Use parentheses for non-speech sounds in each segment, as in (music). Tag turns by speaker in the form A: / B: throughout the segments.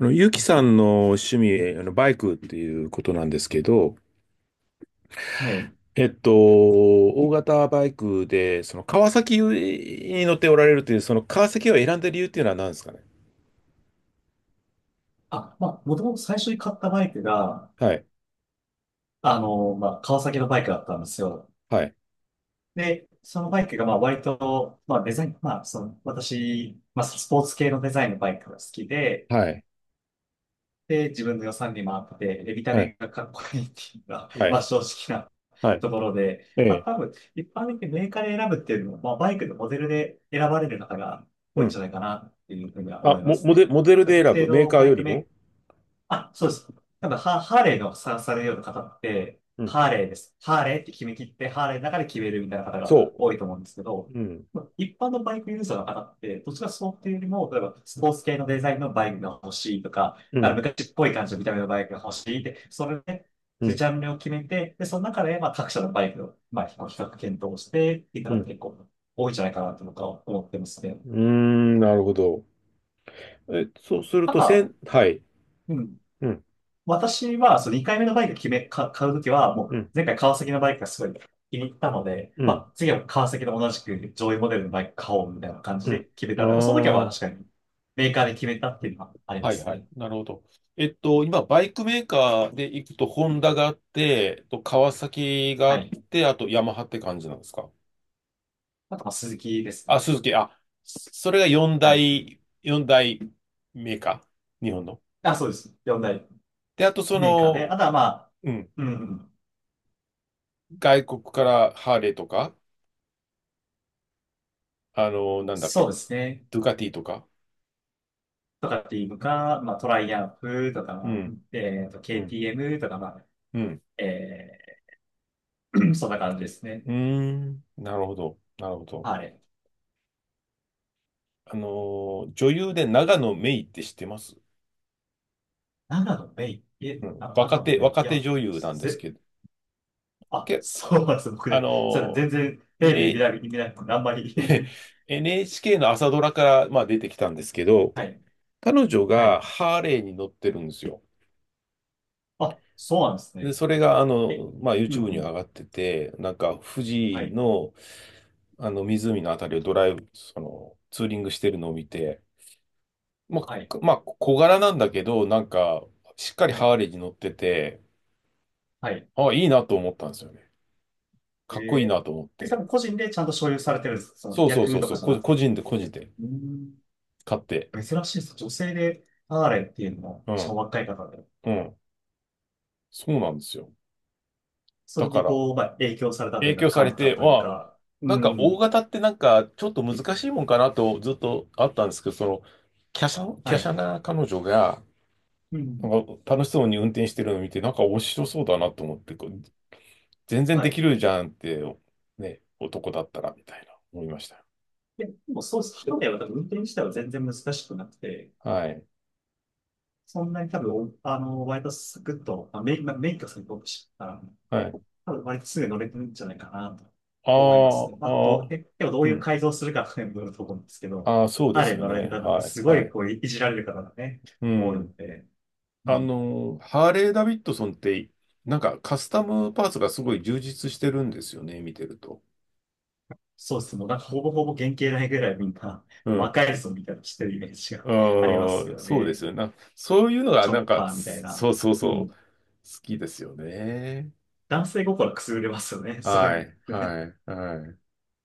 A: ゆきさんの趣味、バイクっていうことなんですけど、
B: はい。
A: 大型バイクで、その川崎に乗っておられるという、その川崎を選んだ理由っていうのは何ですかね。
B: もともと最初に買ったバイクが、
A: はい、
B: 川崎のバイクだったんですよ。
A: はい、
B: で、そのバイクが、まあ、割と、まあ、デザイン、私、スポーツ系のデザインのバイクが好きで、
A: はい、
B: で、自分の予算にも合ってて、で、見た
A: はい、
B: 目がかっこいいっていうのが、(laughs)
A: はい、
B: まあ、正直な
A: はい、
B: ところで、
A: え
B: まあ、
A: え、
B: 多分、一般的にメーカーで選ぶっていうのも、まあ、バイクのモデルで選ばれる方が
A: う
B: 多いんじ
A: ん。
B: ゃないかなっていうふうには思
A: あ、
B: いますね。
A: モデルで
B: 特
A: 選
B: 定
A: ぶ、メー
B: の
A: カー
B: バ
A: よ
B: イク
A: りも？
B: メーあ、そうです。多分ハ、ハーレーのさ、されるような方って、
A: うん、
B: ハーレーって決め切って、ハーレーの中で決めるみたいな方が
A: そ
B: 多いと思うんですけど、
A: う。うん、
B: まあ一般のバイクユーザーの方って、どちらかそうっていうよりも、例えばスポーツ系のデザインのバイクが欲しいとか、
A: う
B: あの
A: ん、
B: 昔っぽい感じの見た目のバイクが欲しいって、それで、
A: う
B: ジ
A: ん、
B: ャンルを決めて、で、その中で、まあ、各社のバイクの、まあ、比較検討してっていう
A: う
B: 方が
A: ん。
B: 結構多いんじゃないかなと僕は思ってますね。
A: うーん、なるほど。え、そうする
B: た
A: と、
B: だ、
A: はい、
B: うん。
A: うん、
B: 私は、その2回目のバイク決め、か、買うときは、も
A: う
B: う、
A: ん、
B: 前回川崎のバイクがすごい気に入ったので、
A: う
B: ま
A: ん、
B: あ、次は川崎の同じく上位モデルのバイク買おうみたいな感じ
A: う
B: で
A: ん。
B: 決めたので、まあ、その時は
A: あ
B: 確か
A: あ。
B: に、メーカーで決めたっていうのはありま
A: はい
B: す
A: はい。
B: ね。
A: なるほど。今、バイクメーカーで行くと、ホンダがあって、と川崎が
B: は
A: あっ
B: い。
A: て、あとヤマハって感じなんですか？
B: あと、まあ、鈴木ですね。
A: あ、鈴木、あ、それが4
B: はい。
A: 大、4大メーカー、日本の。
B: あ、そうです。よんだ大
A: で、あとそ
B: メーカーで。
A: の、
B: あとは、
A: うん、
B: うん、
A: 外国からハーレーとか、なんだっ
B: そ
A: け、
B: うですね。
A: ドゥカティとか。
B: とかっていうか、まあ、トライアンフと
A: う
B: か、
A: ん、うん、
B: KTM とか、
A: うん、
B: え(clears throat) そんな感じですね。
A: うーん、なるほど、なるほど。
B: はい。
A: あの女優で長野メイって知ってます？うん、若
B: 長野
A: 手、
B: メイン。い
A: 若手
B: や、
A: 女優なんです
B: せ、
A: けど、
B: あ、
A: け、
B: そうなんですよ、僕
A: あ
B: ね。それ
A: の、
B: 全然テレビ見
A: n
B: ない、見ないので、あんまり (laughs)
A: NHK (laughs) の朝ドラから、まあ、出てきたんですけど、
B: はい、
A: 彼女
B: はい。
A: がハーレーに乗ってるんですよ。
B: あ、そうなんです
A: で、
B: ね。
A: それが、
B: え、
A: まあ、
B: う
A: YouTube に上
B: ん。
A: がってて、なんか、富
B: は
A: 士
B: い、
A: の、湖のあたりをドライブ、ツーリングしてるのを見て、ま
B: は
A: あ、
B: い、
A: まあ、小柄なんだけど、なんか、しっかり
B: は
A: ハ
B: い、
A: ーレーに乗ってて、
B: はい。
A: あ、いいなと思ったんですよね。
B: え
A: かっこいいなと思っ
B: ー、え、多
A: て。
B: 分個人でちゃんと所有されてるんです。その
A: そうそうそ
B: 逆
A: う
B: と
A: そ
B: か
A: う、
B: じゃなく
A: 個
B: て。
A: 人で個人で
B: うん、
A: 買って。
B: 珍しいですね。女性でハーレーっていうのも、
A: う
B: しかも
A: ん、
B: 若い方で。
A: うん。そうなんですよ。
B: そ
A: だ
B: れ
A: か
B: に
A: ら、
B: こう、まあ、影響されたとい
A: 影
B: うか、
A: 響さ
B: 感
A: れ
B: じた
A: て、
B: というか。う
A: なんか大
B: ん。
A: 型ってなんかちょっと難しいもんかなとずっとあったんですけど、その、華奢、
B: は
A: 華奢
B: い。
A: な彼女が、
B: う
A: な
B: ん。
A: んか楽しそうに運転してるのを見て、なんか面白そうだなと思って、こう全然
B: は
A: でき
B: い。
A: るじゃんって、ね、男だったら、みたいな、思いました。
B: いや、でもそうすると、一重は多分運転自体は全然難しくなくて、
A: はい。
B: そんなに多分、あの、割とサクッと、まあ、メイン、まあ免許さんに僕知ったら、
A: はい。
B: 多分割とすぐ乗れてるんじゃないかなと
A: あ
B: 思いますね。
A: あ、
B: まあ、
A: あ
B: どう、
A: あ、
B: ででもど
A: う
B: ういう
A: ん。
B: 改造するかというと思うんですけど、
A: ああ、そうです
B: 彼
A: よ
B: 乗られ
A: ね。
B: る方って
A: はい。
B: すご
A: は
B: い
A: い。
B: こういじられる方がね、
A: う
B: 多いの
A: ん。
B: で、うん、
A: ハーレー・ダビッドソンって、なんかカスタムパーツがすごい充実してるんですよね、見てると。
B: そうですね。もうなんかほぼほぼ原型ないぐらいみんな
A: う
B: 魔
A: ん。
B: 改造みたいなのしてるイメージがありますけ
A: ああ、
B: ど
A: そうです
B: ね。
A: よね。そういうのが、
B: チョ
A: なん
B: ッ
A: か、
B: パーみたい
A: そう
B: な。
A: そう
B: う
A: そう、
B: ん。
A: 好きですよね。
B: 男性心くすぐれますよね。(laughs) そうい
A: は
B: う
A: い、
B: のね。
A: はい、はい、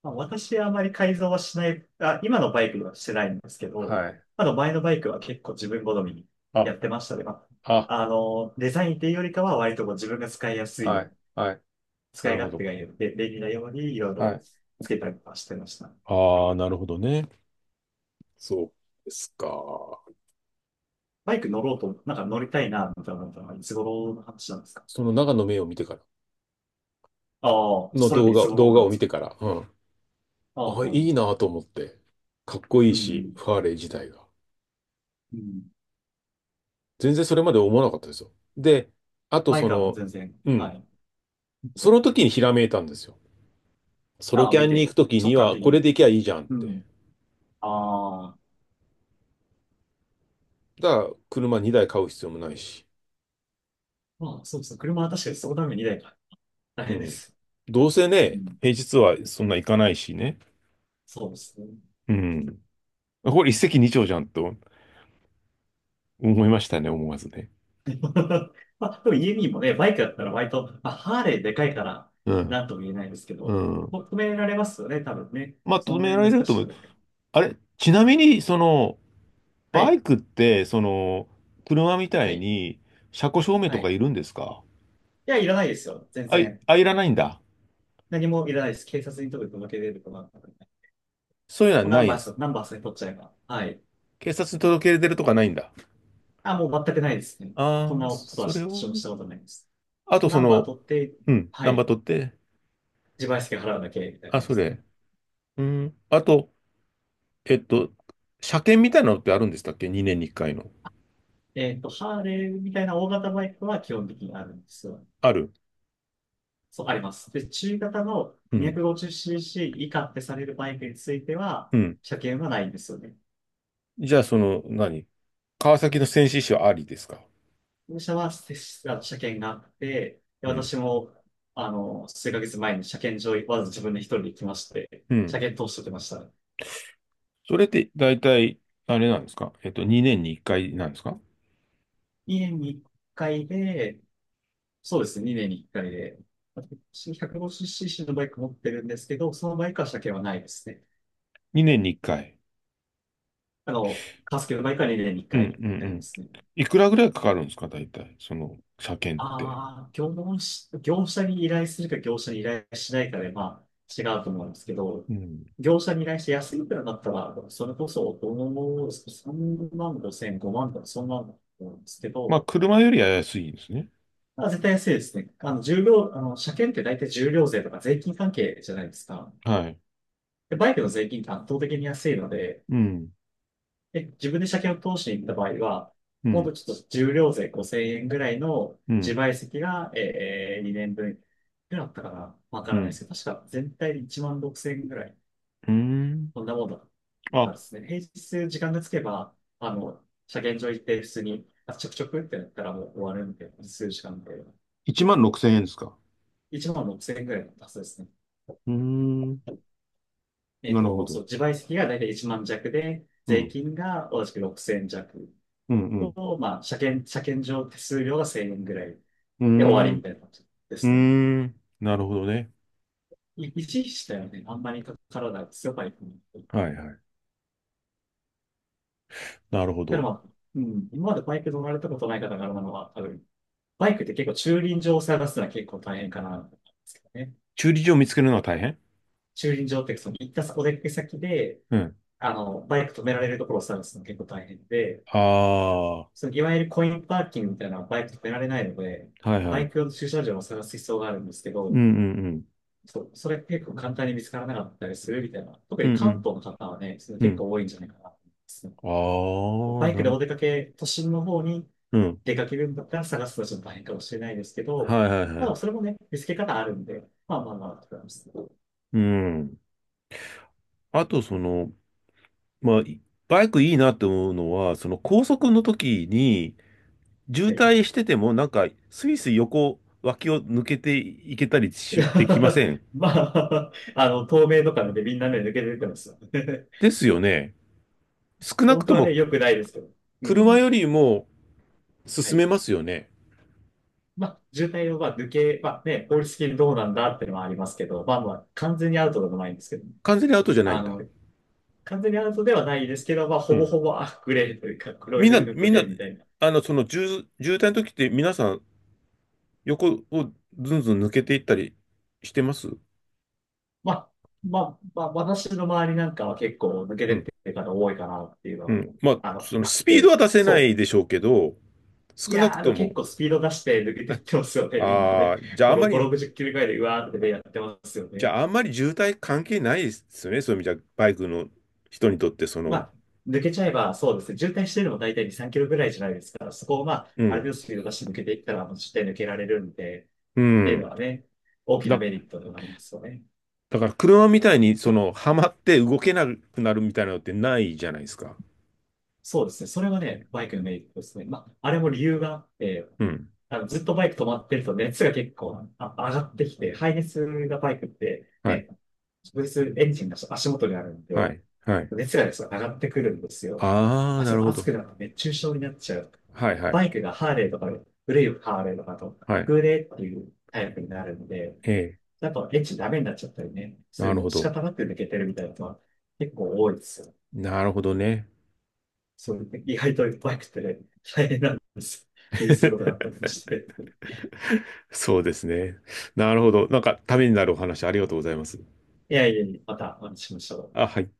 B: まあ、私はあまり改造はしない、あ、今のバイクはしてないんですけど、
A: はい。
B: あの前のバイクは結構自分好みに
A: あ、
B: やってましたね。
A: あ、
B: デザインっていうよりかは割とこう自分が使いやすいよ
A: は
B: う
A: い、
B: に、
A: はい。
B: 使
A: な
B: い
A: るほ
B: 勝手
A: ど。
B: がいいように、で便利なようにいろい
A: は
B: ろ
A: い。
B: つけたりとかしてました。
A: ああ、なるほどね。そうですか。
B: バイク乗ろうと、なんか乗りたいな、みたいなのはいつ頃の話なんですか？
A: その長野目を見てから、
B: ああ、
A: の
B: それっ
A: 動
B: てい
A: 画、
B: つ頃
A: 動画
B: なん
A: を
B: で
A: 見
B: す
A: て
B: か？
A: から。うん。
B: ああ、
A: あ、
B: はいは
A: い
B: い、
A: いなと思って。かっこいい
B: う
A: し、
B: ん、
A: ファーレー自体が。
B: うん。
A: 全然それまで思わなかったですよ。で、あと
B: バイ
A: そ
B: クはもう
A: の、
B: 全然、
A: う
B: は
A: ん。
B: い。
A: その時にひらめいたんですよ。ソロ
B: ああ、
A: キャ
B: 見
A: ンに行
B: て、
A: く時
B: 直
A: に
B: 感
A: は、
B: 的
A: これ
B: に。
A: で行きゃいいじゃんっ
B: う
A: て。
B: ん。ああ、
A: だから、車2台買う必要もないし。
B: まあ、そうですね。車は確かにそのために2台か。大
A: う
B: 変で
A: ん。
B: す。
A: どうせ
B: う
A: ね、
B: ん。
A: 平日はそんな行かないしね。
B: そうですね。
A: うん。これ一石二鳥じゃんと思いましたね、思わずね。
B: (laughs) まあ、でも EME もね、バイクだったら割と、まあ、ハーレーでかいから、
A: うん。
B: なんとも言えないですけ
A: う
B: ど、
A: ん。
B: もう止められますよね、多分ね。
A: まあ、止
B: そんな
A: め
B: に
A: られ
B: 難
A: ると
B: し
A: 思
B: く
A: う。
B: ない。
A: あれ、ちなみに、
B: は
A: バイ
B: い、
A: クって、車みた
B: は
A: い
B: い、
A: に、車庫証明
B: は
A: とか
B: い。
A: いるんですか？
B: いや、いらないですよ、全然。
A: あ、いらないんだ。
B: 何もいらないです。警察に届け出るとかなんかね。
A: そういうのは
B: もうナ
A: な
B: ン
A: いん
B: バ
A: で
B: ー
A: す。
B: さナンバースに取っちゃえば。はい。
A: 警察に届け出るとかないんだ。
B: あ、もう全くないですね。そん
A: あ
B: な
A: あ、
B: ことは
A: それ
B: し、
A: は
B: 私もし
A: ね。
B: たことないです。
A: あと、
B: ナンバー取って、
A: うん、
B: は
A: ナンバー
B: い。
A: 取って。
B: 自賠責払うだけ、みたいな
A: あ、
B: 感
A: そ
B: じで
A: れ。
B: ね。
A: うん。あと、えっと、車検みたいなのってあるんでしたっけ？ 2 年に1回の。
B: えっと、ハーレーみたいな大型バイクは基本的にあるんですよ。
A: ある。
B: そう、あります。で、中型の
A: うん。
B: 250cc 以下ってされるバイクについては、
A: うん。
B: 車検はないんですよね。
A: じゃあ、その、何、川崎の戦死者はありですか？
B: 本社はせあ車検があって、で
A: うん。
B: 私も、あの、数ヶ月前に車検場、わざわざ自分で一人で行きまして、
A: う
B: 車
A: ん。
B: 検通してきました。
A: それって、大体、あれなんですか？2年に1回なんですか？
B: 2年に1回で、そうですね、2年に1回で、私 150cc のバイク持ってるんですけど、そのバイクは車検はないですね。
A: 2 年に1回。
B: あの、カスケの毎回年に1
A: うん
B: 回
A: うんう
B: ありま
A: ん。
B: すね。
A: いくらぐらいかかるんですか、大体、その車検って。
B: ああ、業務し、業者に依頼するか業者に依頼しないかで、まあ、違うと思うんですけど、
A: うん。
B: 業者に依頼して安いくらだったら、それこそ、3万5千、5万とか、そんなんだと思うんですけ
A: まあ、
B: ど、
A: 車よりは安いんですね。
B: まあ、絶対安いですね。あの、車検って大体重量税とか税金関係じゃないですか。
A: はい。
B: で、バイクの税金って圧倒的に安いので、
A: うん、
B: で、自分で車検を通しに行った場合は、
A: う
B: もっ
A: ん、
B: とちょっと重量税5000円ぐらいの
A: うん、
B: 自賠責が、2年分ぐらいあったかなわか
A: う
B: らないで
A: ん。
B: すけど、確か全体で1万6000円ぐらい、
A: うーん。
B: こんなものだった
A: あ、
B: ですね。平日時間がつけば、あの、車検場行って普通に、あ、ちょくちょくってやったらもう終わるんで、数時間で。
A: 1万6千円ですか。
B: 1万6000円ぐらいだったはずですね。
A: うーん。
B: えっ
A: なるほ
B: と、
A: ど。
B: そう、自賠責が大体1万弱で、
A: う
B: 税
A: ん、
B: 金が同じく6000弱
A: うん、うん。
B: と、まあ、車検場手数料が1000円ぐらい。
A: うー
B: で、終わ
A: ん、
B: りみたいな感じで
A: うー
B: すね。
A: ん。なるほどね。
B: 維持したよはね、あんまり体が強いバイクに。だ
A: はい、はい。なるほ
B: かま
A: ど。
B: あ、うん、今までバイク乗られたことない方があるのは、多分、バイクって結構駐輪場を探すのは結構大変かな、ですけどね。
A: 駐輪場を見つけるのは大変？
B: 駐輪場って、その行ったお出かけ先で、
A: うん。
B: あの、バイク止められるところを探すの結構大変で、
A: ああ、は
B: そのいわゆるコインパーキングみたいなのはバイク止められないので、
A: いは
B: バイ
A: い。
B: ク用の駐車場を探す必要があるんですけ
A: う
B: ど、
A: んうんうん。
B: そう、それ結構簡単に見つからなかったりするみたいな。特
A: うん
B: に
A: う
B: 関
A: ん
B: 東の方はね、それ
A: う
B: 結
A: ん。
B: 構多いんじゃないかなと思いますね。
A: ああ、
B: バイ
A: な
B: クで
A: るほ
B: お
A: ど。
B: 出かけ、都心の方に
A: うん。
B: 出かけるんだったら探すのはちょっと大変かもしれないですけど、
A: はいはいは
B: まあ、
A: い。
B: それもね、見つけ方あるんで、まあ、と思います。
A: うん。あと、その、まあ、バイクいいなって思うのは、その高速の時に、渋
B: はい。
A: 滞してても、なんか、スイスイ横脇を抜けていけたり
B: い
A: し、
B: や
A: できま
B: (laughs)
A: せん？
B: まあ、あの、透明とかのでねみんな目抜けて出てますよね。(laughs)
A: ですよね。少なく
B: 本当
A: と
B: はね、
A: も、
B: 良くないですけど。う
A: 車
B: ん。
A: よりも
B: は
A: 進
B: い。
A: めますよね。
B: まあ、渋滞をまあ抜け、まあね、法律的にどうなんだっていうのはありますけど、まあ、完全にアウトでもないんですけどね。
A: 完全にアウトじゃない
B: あ
A: んだ。
B: の、完全にアウトではないですけど、まあ、
A: う
B: ほぼ
A: ん。
B: ほぼ、あ、グレーというか、黒い
A: みん
B: フ
A: な、
B: ルのグ
A: みん
B: レ
A: な、
B: ーみたいな。
A: 渋滞の時って皆さん、横をずんずん抜けていったりしてます？
B: まあ、まあ、私の周りなんかは結構抜け
A: う
B: てっ
A: ん。
B: てる方多いかなっていうの
A: う
B: は、
A: ん。まあ、
B: あの、
A: その
B: あっ
A: スピード
B: て、
A: は出せな
B: そ
A: い
B: う。
A: でしょうけど、
B: い
A: 少な
B: やー、
A: く
B: あ
A: と
B: の、結
A: も、
B: 構スピード出して抜けてっ
A: ね、
B: てますよね、みんなね。
A: ああ、
B: 5、5、60キロぐらいで、うわーってね、やってますよ
A: じゃ
B: ね。
A: ああんまり渋滞関係ないですよね。そういう意味じゃ、バイクの人にとって、そ
B: ま
A: の、
B: あ、抜けちゃえば、そうですね、渋滞してるのも大体2、3キロぐらいじゃないですから、そこをまあ、
A: う
B: ある程
A: ん、
B: 度スピード出して抜けていったら、もう絶対抜けられるんで、
A: う
B: っていうの
A: ん。
B: はね、大きな
A: だ、
B: メリットでもありますよね。
A: だから車みたいに、その、はまって動けなくなるみたいなのってないじゃないですか。
B: そうですね。それはね、バイクのメリットですね。まあ、あれも理由があって、
A: うん。
B: あの、ずっとバイク止まってると熱が結構上がってきて、排熱がバイクって
A: はい、
B: ね、直接エンジンが足元にあるんで、
A: はい、はい。
B: 熱がですね、上がってくるんですよ。
A: ああ、
B: あ、
A: な
B: そう、
A: るほ
B: 熱
A: ど。
B: くなって熱中症になっちゃう。
A: はい、はい、
B: バイクがハーレーとかで、古いハーレーとかだと、
A: はい。
B: 空冷っていうタイプになるので、
A: ええ、
B: やっぱエンジンダメになっちゃったりね、す
A: な
B: る
A: る
B: の
A: ほ
B: で仕
A: ど。
B: 方なく抜けてるみたいなのは結構多いですよ。
A: なるほどね。
B: そういう、意外といっぱいくて、大変なんです。気にすることがあっ
A: (laughs)
B: たりもして。
A: そうですね。なるほど。なんか、ためになるお話ありがとうございます。
B: いや、またお話ししましょう。
A: あ、はい。